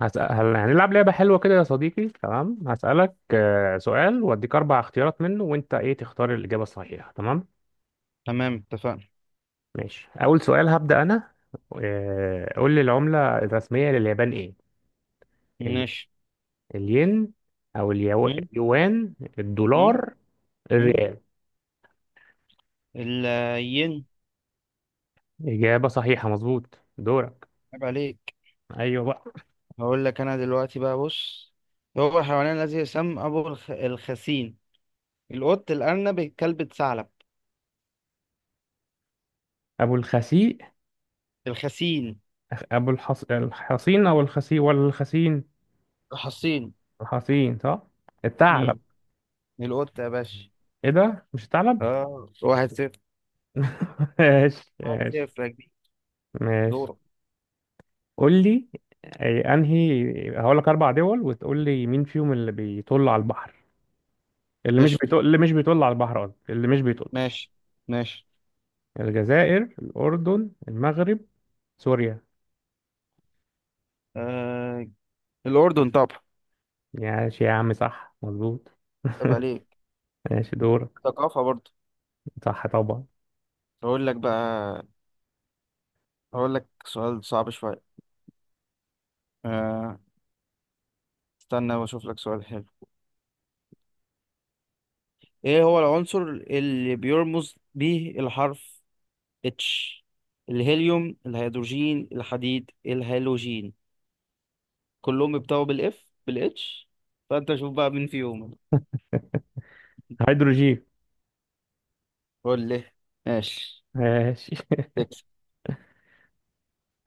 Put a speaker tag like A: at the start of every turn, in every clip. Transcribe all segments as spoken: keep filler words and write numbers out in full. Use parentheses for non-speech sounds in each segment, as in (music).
A: هسأل... هل- هنلعب لعبة حلوة كده يا صديقي. تمام، هسألك آه، سؤال وأديك أربع اختيارات منه وأنت إيه تختار الإجابة الصحيحة. تمام؟
B: تمام، اتفقنا.
A: ماشي، أول سؤال هبدأ أنا. آه، قول لي العملة الرسمية لليابان إيه؟ ال...
B: ماشي.
A: الين، أو اليو...
B: مم؟
A: اليوان،
B: مم؟
A: الدولار،
B: مم؟
A: الريال.
B: الين.
A: إجابة صحيحة، مظبوط. دورك.
B: عيب عليك.
A: أيوه بقى.
B: هقول لك انا دلوقتي بقى، بص. هو الحيوان الذي يسمى ابو الخ... الخسين؟ القط، الارنب، الكلب، الثعلب.
A: أبو الخسيء،
B: الخسين.
A: أبو الحص... الحصين، أو الخسيء ولا الخسين؟
B: الحصين.
A: الحصين صح. الثعلب.
B: مم. القط يا باشا.
A: إيه ده، مش الثعلب؟
B: اه، واحد صفر.
A: (laughs) ماشي
B: واحد
A: ماشي.
B: صفر يا كبير.
A: ماشي،
B: دورك.
A: قول لي. أي- انهي، هقول لك اربع دول وتقول لي مين فيهم اللي بيطل على البحر. اللي مش
B: قشطة.
A: بيطل، اللي مش بيطل على البحر، قصدي اللي مش بيطل.
B: ماشي، ماشي.
A: الجزائر، الاردن، المغرب، سوريا.
B: آه... الأردن طبعا.
A: ماشي يا عم، صح، مظبوط.
B: عيب
A: (laughs)
B: عليك.
A: ماشي. دورك.
B: ثقافة برضه.
A: صح طبعا.
B: هقول لك بقى هقول لك سؤال صعب شوية. آه... استنى واشوف لك سؤال حلو. ايه هو العنصر اللي بيرمز به الحرف اتش؟ الهيليوم، الهيدروجين، الحديد، الهالوجين. كلهم بيبتدوا بالاف بالاتش. فانت شوف بقى مين فيهم.
A: هيدروجين.
B: قول لي. ماشي.
A: ماشي.
B: تكسب.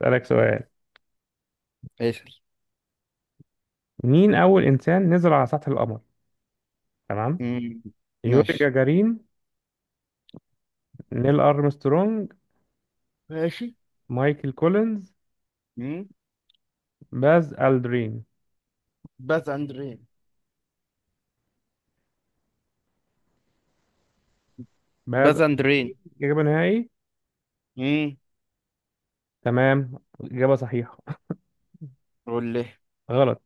A: (laughs) اسالك سؤال.
B: اسأل.
A: مين اول انسان نزل على سطح القمر؟ تمام.
B: مم،
A: يوري
B: ماشي،
A: جاجارين، نيل ارمسترونج،
B: ماشي.
A: مايكل كولينز،
B: مم.
A: باز الدرين.
B: باز اندرين،
A: بهذا
B: باز اندرين.
A: إجابة نهائي.
B: مم.
A: تمام، إجابة صحيحة.
B: قول لي.
A: (laughs) غلط.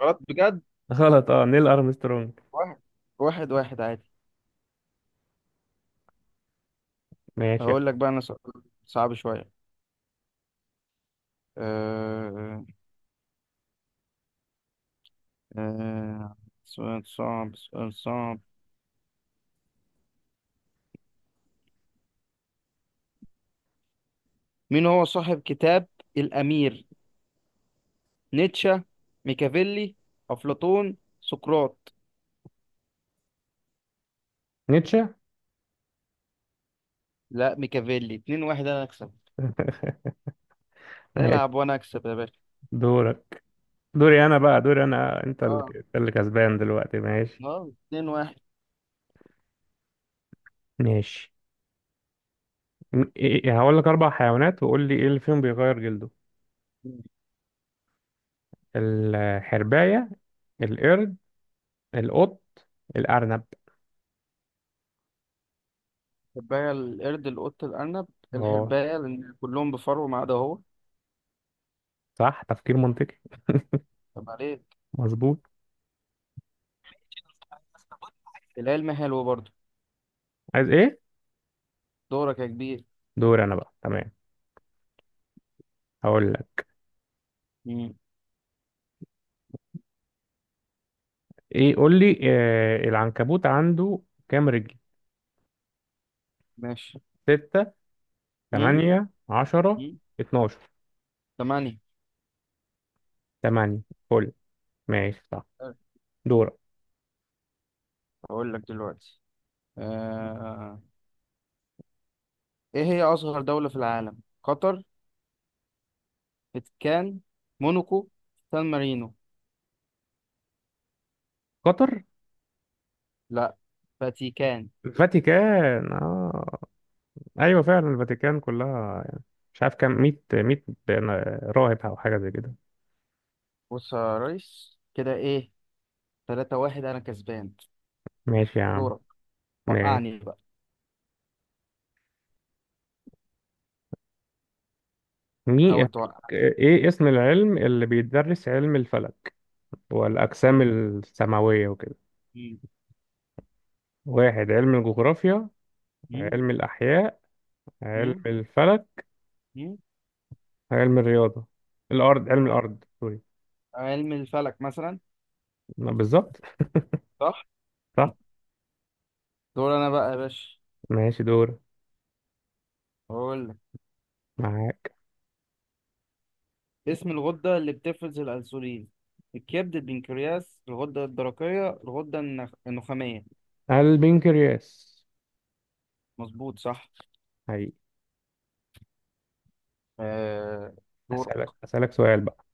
B: غلط بجد.
A: (laughs) غلط، اه نيل أرمسترونج.
B: واحد واحد، واحد عادي.
A: ماشي.
B: هقول لك بقى انا سؤال صعب شوية. أه... آه سؤال صعب، سؤال صعب. مين هو صاحب كتاب الأمير؟ نيتشه، ميكافيلي، أفلاطون، سقراط.
A: نيتشه.
B: لا، ميكافيلي. اتنين واحد، أنا أكسب.
A: ماشي.
B: العب وأنا أكسب يا باشا.
A: دورك. دوري أنا بقى، دوري أنا. أنت اللي
B: اه،
A: أنت اللي كسبان دلوقتي، ماشي.
B: اه، اتنين واحد.
A: ماشي. م- إيه- هقول لك أربع حيوانات وقول لي إيه اللي فيهم بيغير جلده. الحرباية، القرد، القط، الأرنب.
B: الحرباية، القرد، القط، الأرنب.
A: اه،
B: الحرباية، لأن كلهم بفرو ما عدا هو.
A: صح، تفكير منطقي.
B: طب عليك.
A: مظبوط.
B: العلم حلو برضه.
A: عايز إيه؟
B: دورك يا كبير.
A: دوري أنا بقى. تمام، هقول لك.
B: مم.
A: ايه، قول لي، آه العنكبوت عنده كام رجل؟
B: ماشي.
A: ستة،
B: مم.
A: تمانية، عشرة،
B: مم.
A: اتناشر.
B: تمانية.
A: تمانية، فل. ماشي صح. دورك.
B: أقول لك دلوقتي. آه ايه هي اصغر دولة في العالم؟ قطر، فاتيكان، موناكو، سان مارينو.
A: قطر.
B: لا، فاتيكان.
A: الفاتيكان، آه. ايوه فعلا، الفاتيكان كلها يعني، مش عارف كام، مية مية راهب او حاجة زي كده.
B: بص يا ريس، كده ايه، تلاتة واحد، انا كسبان.
A: ماشي يا عم،
B: دورك.
A: ماشي.
B: وقعني بقى.
A: مي...
B: حاول توقع.
A: ايه اسم العلم اللي بيدرس علم الفلك والاجسام
B: م-
A: السماوية وكده؟
B: م-
A: واحد، علم الجغرافيا،
B: م-
A: علم الاحياء، علم
B: م-
A: الفلك،
B: م.
A: علم الرياضة. الأرض، علم الأرض، سوري.
B: علم الفلك مثلا.
A: ما بالظبط.
B: صح.
A: صح.
B: دور انا بقى يا باشا.
A: ماشي، دور.
B: هقول لك.
A: معاك.
B: اسم الغدة اللي بتفرز الانسولين: الكبد، البنكرياس، الغدة الدرقية، الغدة النخ- النخامية.
A: البنكرياس.
B: مظبوط صح.
A: هي.
B: آه. دورك.
A: أسألك أسألك سؤال بقى.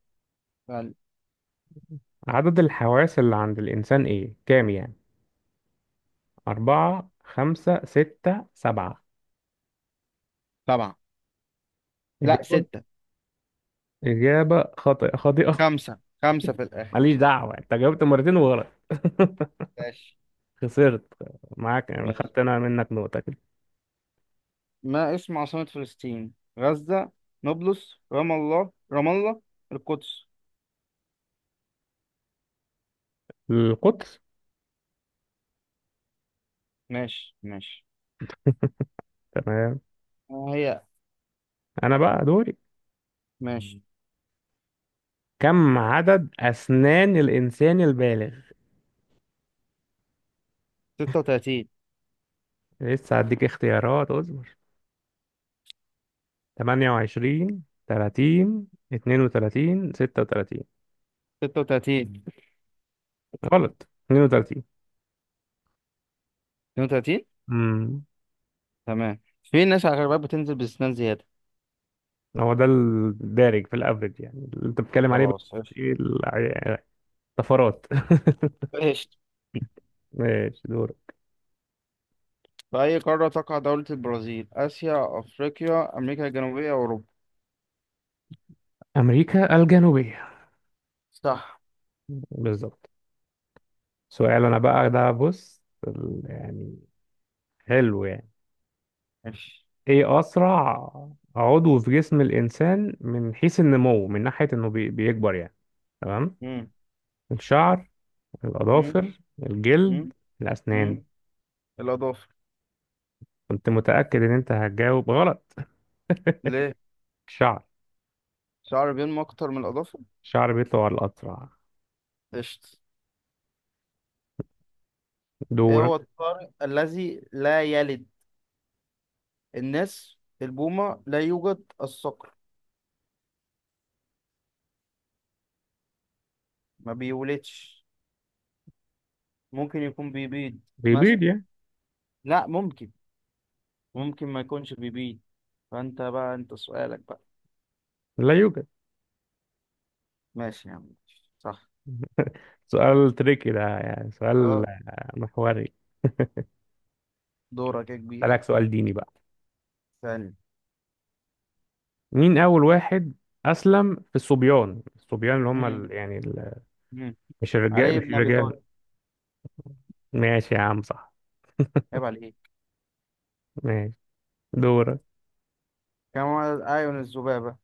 A: عدد الحواس اللي عند الإنسان إيه، كام يعني؟ أربعة، خمسة، ستة، سبعة.
B: سبعة. لا،
A: إجابة،
B: ستة.
A: إجابة خاطئة، خاطئة.
B: خمسة، خمسة في
A: (laughs)
B: الآخر.
A: ماليش دعوة، أنت جاوبت مرتين وغلط. (laughs)
B: ماشي،
A: خسرت معاك يعني،
B: ماشي.
A: خدت أنا منك نقطة كده.
B: ما اسم عاصمة فلسطين؟ غزة، نابلس، رام الله، رام الله، القدس.
A: القطر.
B: ماشي، ماشي.
A: تمام.
B: آه، هي.
A: أنا بقى دوري.
B: ماشي.
A: كم عدد أسنان الإنسان البالغ؟
B: ستة وتلاتين.
A: لسه هديك اختيارات، اصبر. ثمانية وعشرين، تلاتين، اتنين وتلاتين، ستة وتلاتين.
B: ستة وتلاتين.
A: غلط، اتنين وتلاتين.
B: اتنين وتلاتين.
A: امم
B: تمام، في ناس على غربات بتنزل بسنان زيادة.
A: هو ده الدارج في الافرج يعني، اللي انت بتتكلم عليه بقى.
B: خلاص قشطة.
A: ايه الع- الطفرات. (laughs)
B: قشطة.
A: ماشي، دور.
B: في أي قارة تقع دولة البرازيل؟ آسيا، أفريقيا، أمريكا الجنوبية، أوروبا.
A: امريكا الجنوبية.
B: صح.
A: بالظبط. سؤال انا بقى ده، بص. ال- يعني حلو يعني،
B: ماشي.
A: ايه اسرع عضو في جسم الانسان من حيث النمو، من ناحية انه بي- بيكبر يعني. تمام.
B: مم.
A: الشعر،
B: مم.
A: الأظافر،
B: مم.
A: الجلد،
B: مم.
A: الأسنان.
B: الأضافة.
A: كنت متأكد إن أنت هتجاوب غلط.
B: ليه؟
A: الشعر.
B: شعر بينمو أكتر من الأظافر.
A: الشعر بيطلع الأسرع.
B: قشطة. إيه
A: دورك.
B: هو الطارئ الذي لا يلد؟ الناس، البومة، لا يوجد، الصقر. ما بيولدش. ممكن يكون بيبيض
A: بيبيض
B: مثلا.
A: يعني.
B: لا، ممكن. ممكن ما يكونش بيبيض. فأنت بقى، أنت سؤالك بقى.
A: لا يوجد.
B: ماشي يا عم. ماشي. صح.
A: سؤال تريكي ده يعني، سؤال
B: أه،
A: آه، محوري.
B: دورك يا كبير
A: أسألك سؤال ديني بقى.
B: ثاني.
A: مين أول واحد أسلم في الصبيان، الصبيان اللي هم
B: مم.
A: ال... يعني ال...
B: مم.
A: مش الرجال،
B: علي
A: مش
B: بن أبي طالب.
A: الرجال. ماشي يا عم، صح.
B: عيب عليك.
A: ماشي، دورك.
B: كم عدد أعين الذبابة؟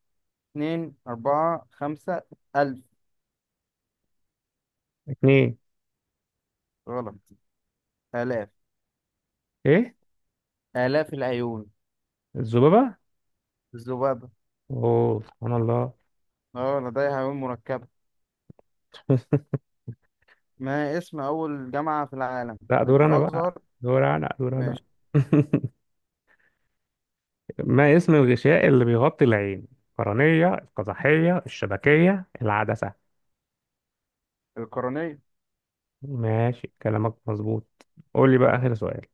B: اتنين، أربعة، خمسة، ألف.
A: اتنين.
B: غلط. آلاف.
A: إيه؟
B: آلاف العيون.
A: الذبابة؟
B: الذبابة.
A: أوه، سبحان الله.
B: اه، لديها عيون مركبة.
A: (laughs)
B: ما اسم أول جامعة في العالم؟
A: لا، دور أنا بقى.
B: الأزهر.
A: دور أنا دور أنا
B: ماشي.
A: (laughs) ما اسم الغشاء اللي بيغطي العين؟ القرنية، القزحية، الشبكية، العدسة.
B: القرنية.
A: ماشي، كلامك مظبوط. قول لي بقى آخر سؤال.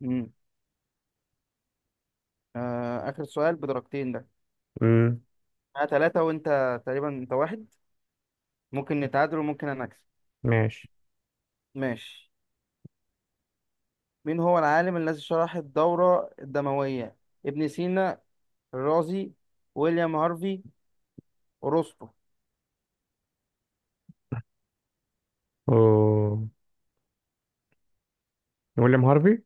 B: مم. آه آخر سؤال بدرجتين ده.
A: امم
B: أنا تلاتة، وأنت تقريبا أنت واحد. ممكن نتعادل، وممكن أنا أكسب.
A: ماشي.
B: ماشي. مين هو العالم الذي شرح الدورة الدموية؟ ابن سينا، الرازي، ويليام هارفي، أرسطو.
A: أوه. ويليام هارفي.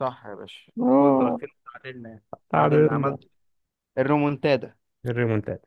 B: صح يا باشا. خد
A: اه،
B: درجتين، تعادلنا يعني. تعادلنا.
A: تعادلنا.
B: عملت الرومونتادا.
A: الريمونتادا.